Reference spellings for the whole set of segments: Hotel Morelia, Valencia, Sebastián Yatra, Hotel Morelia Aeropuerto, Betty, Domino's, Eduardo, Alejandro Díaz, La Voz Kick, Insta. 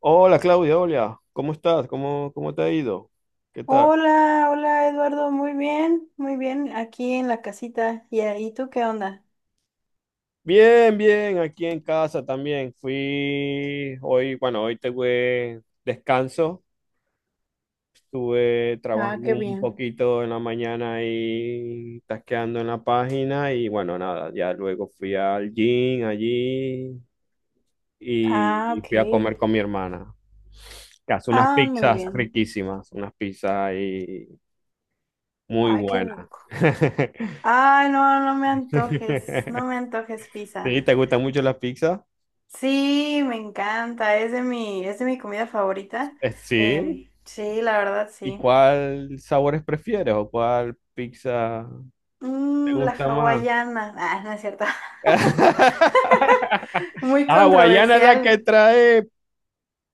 Hola Claudia, hola, ¿cómo estás? ¿Cómo te ha ido? ¿Qué tal? Hola, hola Eduardo, muy bien, aquí en la casita. ¿Y, ahí tú qué onda? Bien, bien, aquí en casa también. Fui hoy, bueno, hoy tuve descanso. Estuve Ah, trabajando qué un bien. poquito en la mañana y tasqueando en la página y bueno, nada, ya luego fui al gym allí Ah, y fui a comer ok. con mi hermana. Que hace unas Ah, muy pizzas bien. riquísimas, unas pizzas ahí muy Ay, qué buenas. rico. Ay, no, no me antojes, no me antojes pizza. Sí, ¿te gusta mucho la pizza? Sí, me encanta, es de mi comida favorita. Sí. Sí, la verdad, ¿Y sí. cuál sabores prefieres o cuál pizza te La gusta más? hawaiana. Ah, no es cierto. Muy Ah, Guayana es la controversial. que trae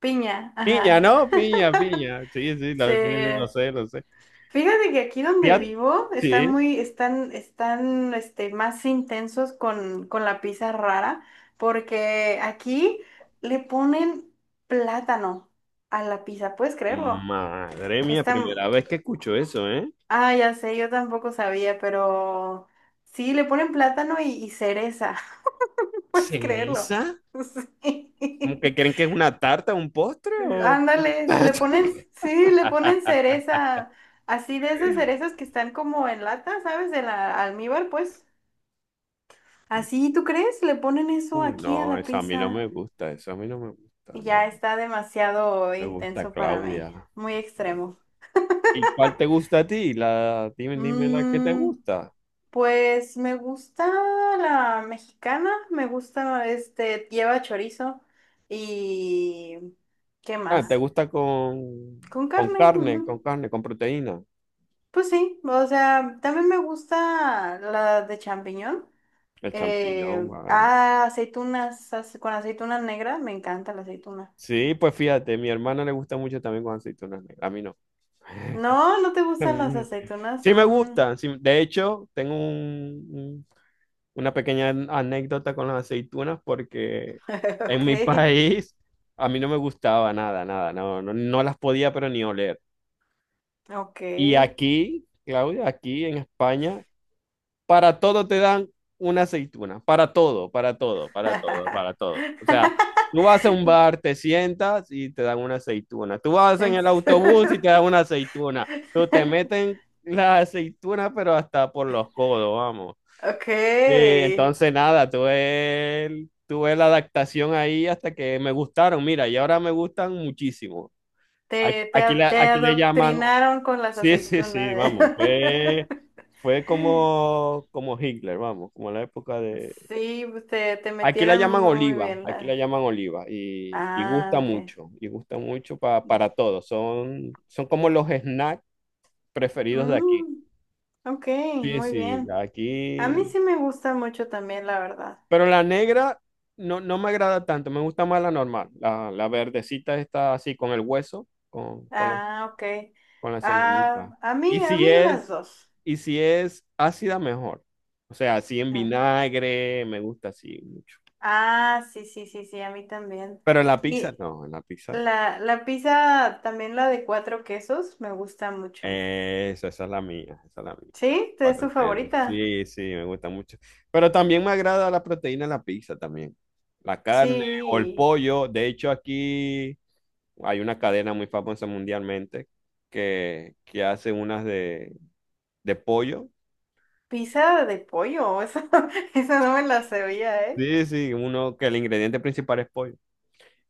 Piña, piña, ajá. ¿no? Piña, piña. Sí, sí, Sí. sí, sí, lo sé, lo sé. Fíjate que aquí donde Fíjate, vivo están sí. muy, están, están, este, más intensos con la pizza rara, porque aquí le ponen plátano a la pizza, ¿puedes creerlo? Madre mía, Están, primera vez que escucho eso, ¿eh? ah, ya sé, yo tampoco sabía, pero sí, le ponen plátano y cereza, ¿puedes creerlo? ¿Cereza? ¿Cómo que Sí. creen que es una tarta, un postre o...? Ándale, sí, le ponen cereza, así de esas cerezas que están como en lata, ¿sabes? De la almíbar, pues. Así, ¿tú crees? Le ponen eso Uy, aquí a no, la eso a mí no pizza. me gusta, eso a mí no me gusta, no. Ya está demasiado Me gusta intenso para mí, Claudia. muy Ah, extremo. ¿y cuál te gusta a ti? Dime, dime la que te Mm, gusta. pues me gusta la mexicana, me gusta, lleva chorizo y ¿qué Ah, ¿te más? gusta con, Con con carne. Ujú. carne, con carne, con proteína? Pues sí, o sea, también me gusta la de champiñón. El champiñón, vale. Ah, aceitunas, con aceituna negra, me encanta la aceituna. Sí, pues fíjate, mi hermana le gusta mucho también con aceitunas negras. A mí no. No, no te gustan las aceitunas. Sí me Mm, gustan. De hecho, tengo una pequeña anécdota con las aceitunas porque en mi ok, país a mí no me gustaba nada, nada. No, no, no las podía, pero ni oler. ok. Y aquí, Claudia, aquí en España, para todo te dan una aceituna, para todo, para todo, para todo, para todo. O sea, tú vas a un bar, te sientas y te dan una aceituna. Tú vas en En el autobús y serio. te dan una aceituna. Tú te meten la aceituna, pero hasta por los codos, vamos. Ok, Sí, entonces nada, tuve la adaptación ahí hasta que me gustaron. Mira, y ahora me gustan muchísimo. Aquí, te, te, aquí le, a- te aquí le llaman. adoctrinaron con las Sí, sí, sí, aceitunas. vamos, fue como Hitler, vamos, como la época de... Sí, pues, te Aquí la metieron llaman muy oliva, bien aquí la la. llaman oliva y Ah, gusta ok. mucho, y gusta mucho para todos, son como los snacks preferidos de aquí. Mm, ok, Sí, muy sí, bien. A mí aquí... sí me gusta mucho también, la verdad. Pero la negra no, no me agrada tanto, me gusta más la normal, la verdecita está así con el hueso, con, con la Ah, ok. con la Ah, semillita. a Y mí, a si mí las es, dos. y si es ácida, mejor. O sea, así en Ah, vinagre, me gusta así mucho. Ah, sí, sí, sí, sí, a mí también. Pero en la pizza Y no, en la pizza no. la pizza, también la de cuatro quesos, me gusta mucho. Esa es la mía, esa es la mía, la ¿Sí? ¿Es tu cuatro quesos. favorita? Sí, sí, me gusta mucho. Pero también me agrada la proteína en la pizza también. La carne o el Sí. pollo. De hecho, aquí hay una cadena muy famosa mundialmente que hace unas de pollo. Pizza de pollo, esa no me la sabía, ¿eh? Sí, sí, uno que el ingrediente principal es pollo.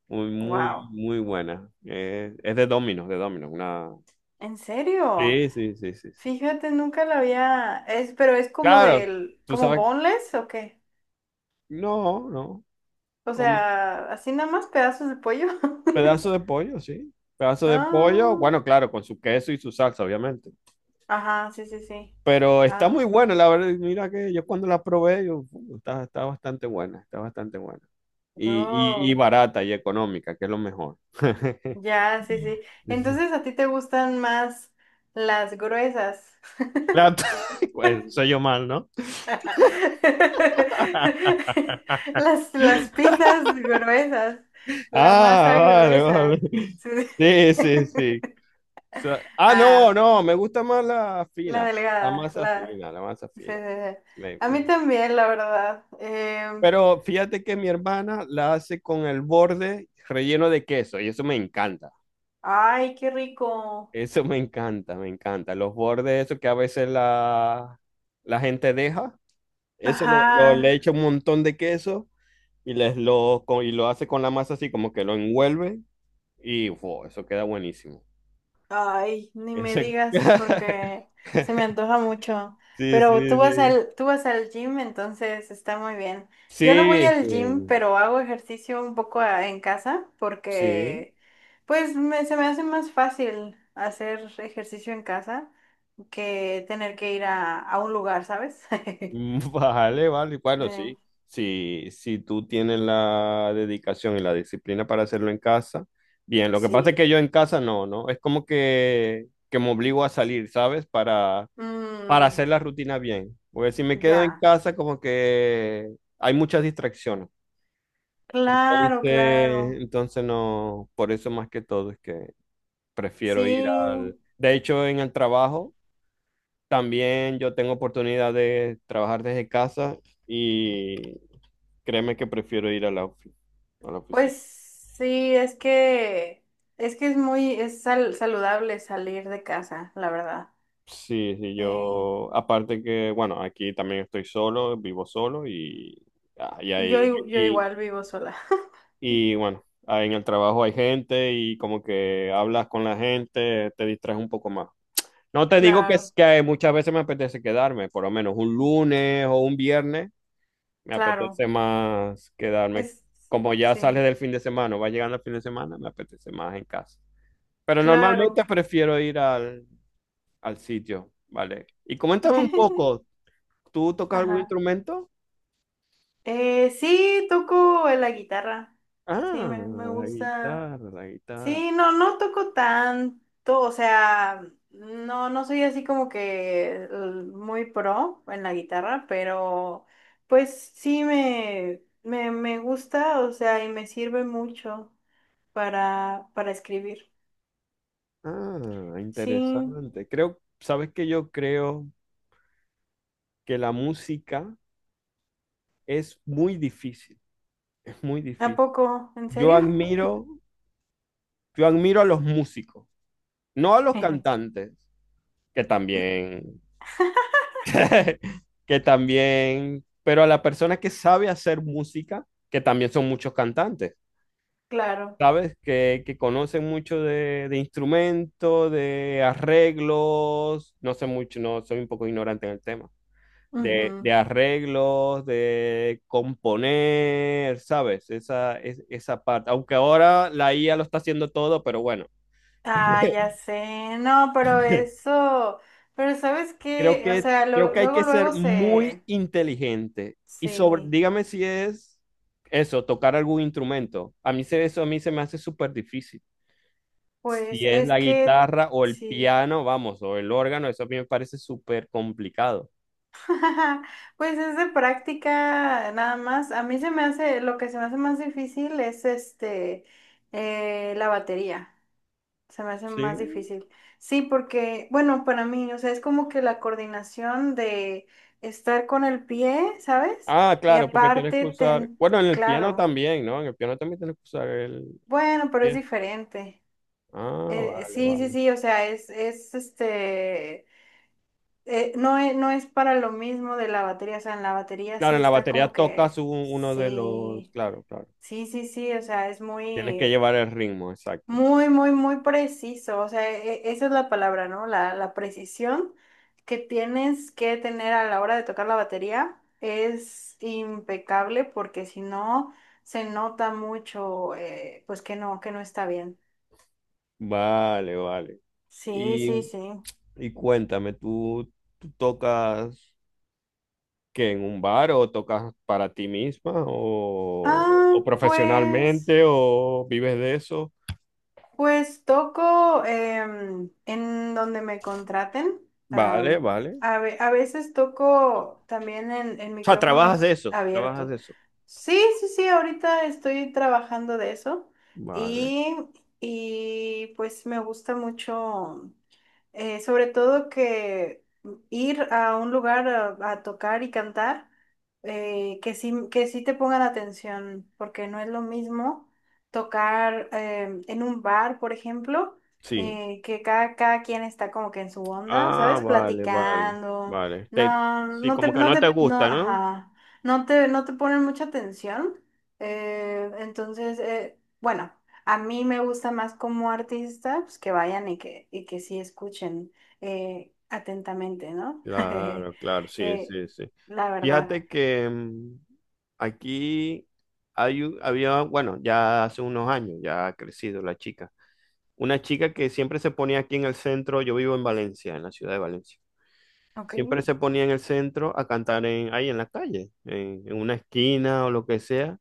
Muy, muy, Wow. muy buena. Es de Domino's, de Domino's. Una... ¿En serio? Sí, sí, sí, sí, sí. Fíjate, nunca la había, pero es como Claro, del, tú como sabes. boneless, ¿o qué? No, no. O Como un sea, así nada más pedazos de pollo. pedazo de pollo, sí. Pedazo de pollo, Ah, bueno, claro, con su queso y su salsa, obviamente. ajá, sí, sí, sí. Pero está muy Ah, buena, la verdad. Mira que yo cuando la probé, yo, está bastante buena, está bastante buena". Y oh, barata y económica, que es lo mejor. ya, sí, sí. Sí, sí. Entonces a ti te gustan más las gruesas. La- Bueno, soy yo mal, ¿no? Las pizzas gruesas, la Ah, masa vale, vale. gruesa. Sí. Sí, sí, sí. Sea, Ah, no, ok. no, me gusta más la La fina, la delgada, masa la. fina, la masa Sí, sí, fina. sí. Me- A mí me- también, la verdad. Pero fíjate que mi hermana la hace con el borde relleno de queso y eso me encanta. Ay, qué rico. Eso me encanta, me encanta. Los bordes, eso que a veces la gente deja, eso Ajá. Le echa un montón de queso y lo hace con la masa así, como que lo envuelve y ¡fua! Eso queda buenísimo. Ay, ni me Ese- digas porque se me antoja mucho. Sí, Pero tú sí, vas sí. al, tú vas al gym, entonces está muy bien. Yo no voy Sí, al gym, sí, pero hago ejercicio un poco en casa sí. porque pues se me hace más fácil hacer ejercicio en casa que tener que ir a un lugar, ¿sabes? Mm, vale, vale. Bueno, Eh, sí. Si tú tienes la dedicación y la disciplina para hacerlo en casa, bien. Lo que pasa es que Sí. yo en casa no, ¿no? Es como que me obligo a salir, ¿sabes? Para Mm. hacer la rutina bien. Porque si me quedo en Ya, casa, como que hay muchas distracciones. claro, Entonces, claro. entonces no, por eso más que todo es que prefiero ir al... Sí, De hecho, en el trabajo. También yo tengo oportunidad de trabajar desde casa y créeme que prefiero ir a la pues oficina. sí, es que es saludable salir de casa, la verdad. Sí, sí, Sí. yo, aparte que, bueno, aquí también estoy solo, vivo solo ah, y, Yo, ahí- i- yo y, igual vivo sola. y, bueno, ahí en el trabajo hay gente y como que hablas con la gente, te distraes un poco más. No te digo que, es- Claro, que muchas veces me apetece quedarme, por lo menos un lunes o un viernes. Me claro. apetece más quedarme. Es Como ya sale Sí, del fin de semana, o va llegando el fin de semana, me apetece más en casa. Pero normalmente claro. prefiero ir al sitio, ¿vale? Y coméntame un poco, ¿tú tocas algún Ajá. instrumento? Sí, toco la guitarra. Sí, Ah, me la gusta. guitarra, la guitarra. Sí, no, no toco tanto, o sea, no, no soy así como que muy pro en la guitarra, pero pues sí me gusta, o sea, y me sirve mucho para escribir. Ah, Sí, interesante. Creo, ¿sabes que Yo creo que la música es muy difícil, es muy ¿a difícil. poco? ¿En Yo serio? admiro, yo admiro a los músicos, no a los cantantes, que también que también, pero a la persona que sabe hacer música, que también son muchos cantantes, Claro. ¿sabes? Que conocen mucho de, instrumentos, de arreglos, no sé mucho, no, soy un poco ignorante en el tema, de, Ujú. de arreglos, de componer, ¿sabes? Esa parte, aunque ahora la IA lo está haciendo todo, pero bueno. Ah, ya sé, no, pero eso, pero ¿sabes Creo qué? O que, sea, creo que hay luego, que ser luego muy se, inteligente. Y sobre, sí. dígame si es eso, tocar algún instrumento. Eso a mí se me hace súper difícil. Pues Si es es la que guitarra o el sí, piano, vamos, o el órgano, eso a mí me parece súper complicado. pues es de práctica nada más. A mí se me hace, lo que se me hace más difícil es la batería. Se me hace Sí. más difícil. Sí, porque, bueno, para mí, o sea, es como que la coordinación de estar con el pie, ¿sabes? Ah, Y claro, porque tienes que aparte, usar. Bueno, en el piano claro, también, ¿no? En el piano también tienes que usar el bueno, pero es pie. diferente. Ah, vale, Sí, sí, vale. sí, o sea, es este no es para lo mismo de la batería, o sea, en la batería Claro, sí en la está batería como que, tocas uno de los. sí, Claro, claro. sí, sí, sí, o sea, es Tienes que muy, llevar el ritmo, exacto. muy, muy, muy preciso, o sea, esa es la palabra, ¿no? La precisión que tienes que tener a la hora de tocar la batería es impecable porque si no, se nota mucho, pues que no está bien. Vale, vale. Sí, sí, Y, sí. y cuéntame, ¿tú tocas que en un bar o tocas para ti misma o, Ah, o pues. profesionalmente o vives de eso? Pues toco en donde me contraten. Vale, am, vale. a, O ve- a veces toco también en sea, trabajas de micrófonos eso, trabajas abiertos. de eso. Sí, sí, sí, ahorita estoy trabajando de eso Vale, y, y pues me gusta mucho. Sobre todo que ir a un lugar a tocar y cantar, que sí te pongan atención, porque no es lo mismo tocar en un bar, por ejemplo, sí. Que cada quien está como que en su onda, Ah, ¿sabes? vale, vale, Platicando, vale. No, Sí, como que no te no, gusta, ¿no? ajá, no te ponen mucha atención. Entonces, bueno. A mí me gusta más como artista, pues que vayan y que sí escuchen atentamente, ¿no? Claro, claro, sí, Eh, sí, sí. la verdad. Fíjate que aquí había, bueno, ya hace unos años, ya ha crecido la chica. Una chica que siempre se ponía aquí en el centro, yo vivo en Valencia, en la ciudad de Valencia. Ok, Siempre se ponía en el centro a cantar ahí en la calle, en una esquina o lo que sea.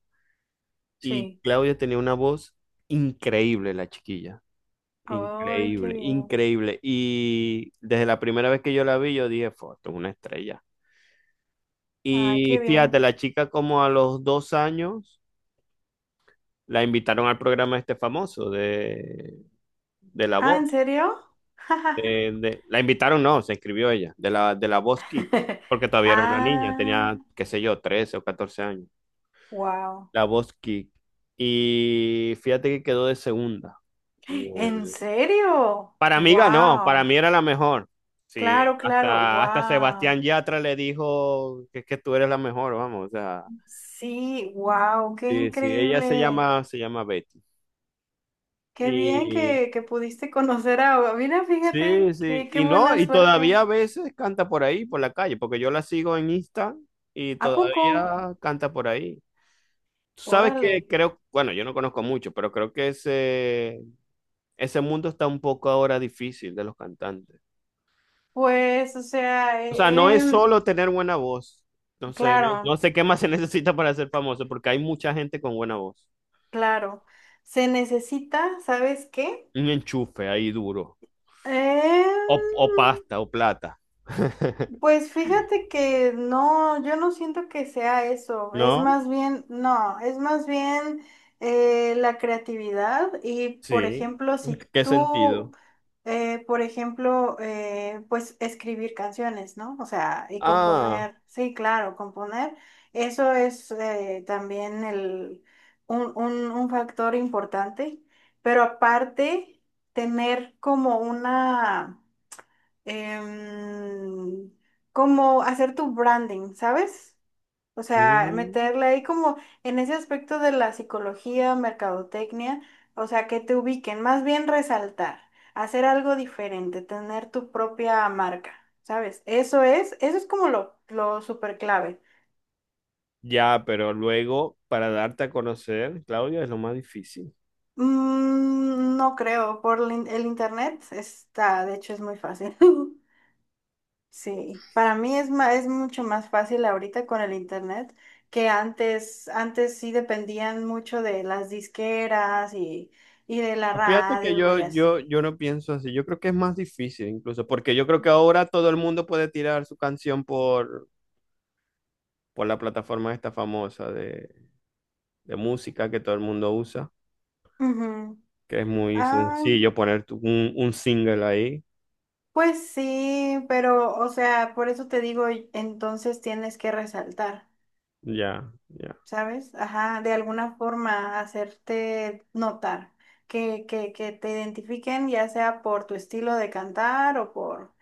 Y sí. Claudia tenía una voz increíble, la chiquilla. Ay, qué Increíble, bien. increíble. Y desde la primera vez que yo la vi, yo dije, "Fua, esto es una estrella". Ay, Y qué fíjate, bien. la chica como a los 2 años la invitaron al programa este famoso de, La Ah, Voz. ¿en serio? La invitaron, no, se inscribió ella, de la Voz Kick, porque todavía era una niña, Ah, tenía, qué sé yo, 13 o 14 años, wow. la Voz Kick. Y fíjate que quedó de segunda en ¿En el- serio? Para mí ganó, para Wow. mí era la mejor. Sí, Claro, claro, hasta wow. Sebastián Yatra le dijo que es que tú eres la mejor, vamos, o sea, Sí, wow, qué sí, sí, ella se increíble. llama, se llama Betty. Qué bien Y que pudiste conocer a. Mira, sí, fíjate, sí. qué Y no, buena y suerte. todavía a veces canta por ahí, por la calle, porque yo la sigo en Insta y ¿A poco? todavía canta por ahí. Tú sabes Órale. que creo, bueno, yo no conozco mucho, pero creo que ese, mundo está un poco ahora difícil de los cantantes. Pues, o sea, O sea, no es solo tener buena voz. Entonces, no, claro, no sé qué más se necesita para ser famoso, porque hay mucha gente con buena voz. claro. Se necesita, ¿sabes qué? Un enchufe ahí duro. Em, O, o pasta, o plata. Pues fíjate que no, yo no siento que sea eso, es ¿No? más bien, no, es más bien la creatividad y por Sí. ejemplo, si ¿Qué tú, sentido? Por ejemplo, pues escribir canciones, ¿no? O sea, y Ah. componer, sí, claro, componer, eso es también el, un factor importante, pero aparte, tener como em, como hacer tu branding, ¿sabes? O sea, Mm, meterle ahí como en ese aspecto de la psicología, mercadotecnia, o sea, que te ubiquen, más bien resaltar, hacer algo diferente, tener tu propia marca, ¿sabes? Eso es como lo súper clave. ya, pero luego para darte a conocer, Claudia, es lo más difícil. No creo, por el internet está, de hecho es muy fácil. Sí, para mí es mucho más fácil ahorita con el internet que antes sí dependían mucho de las disqueras y de la Fíjate que radio yo, y yo, así. yo no pienso así. Yo creo que es más difícil incluso, porque yo creo que ahora todo el mundo puede tirar su canción por, la plataforma esta famosa de música que todo el mundo usa, Ujú. que es muy Ah, sencillo poner un single ahí. pues sí, pero o sea, por eso te digo, entonces tienes que resaltar, Ya, ya. ¿sabes? Ajá, de alguna forma hacerte notar, que te identifiquen ya sea por tu estilo de cantar o por,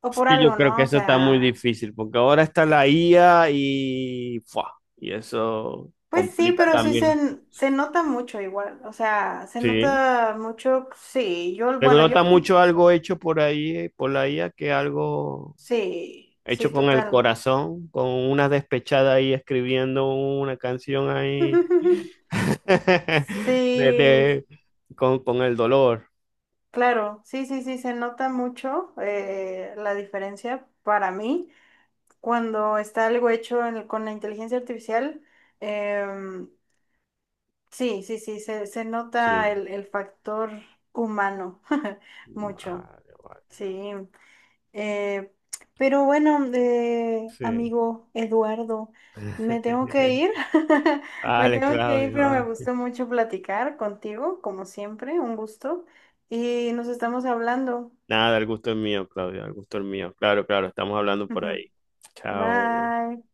o Es por que yo algo, creo que ¿no? O eso está muy sea. difícil, porque ahora está la IA y, ¡fua! Y eso Pues sí, complica pero sí se, también. n- se nota mucho igual, o sea, se Sí, nota mucho, sí, yo, le bueno, yo, gusta mucho algo hecho por ahí, por la IA, que algo sí, hecho sí, con el total. corazón, con una despechada ahí escribiendo una canción ahí de- Sí, de- con el dolor. claro, sí, sí, sí, se nota mucho la diferencia para mí cuando está algo hecho con la inteligencia artificial. em, sí, sí, sí, se nota Sí. el factor humano mucho, Vale, vale. sí. Eh, pero bueno, Sí. amigo Eduardo, me tengo que ir, me Vale, tengo que ir, Claudio, pero me vale. gustó mucho platicar contigo, como siempre, un gusto, y nos estamos hablando. Nada, el gusto es mío, Claudio, el gusto es mío. Claro, claro, estamos hablando por Ujú. ahí. Chao. Bye.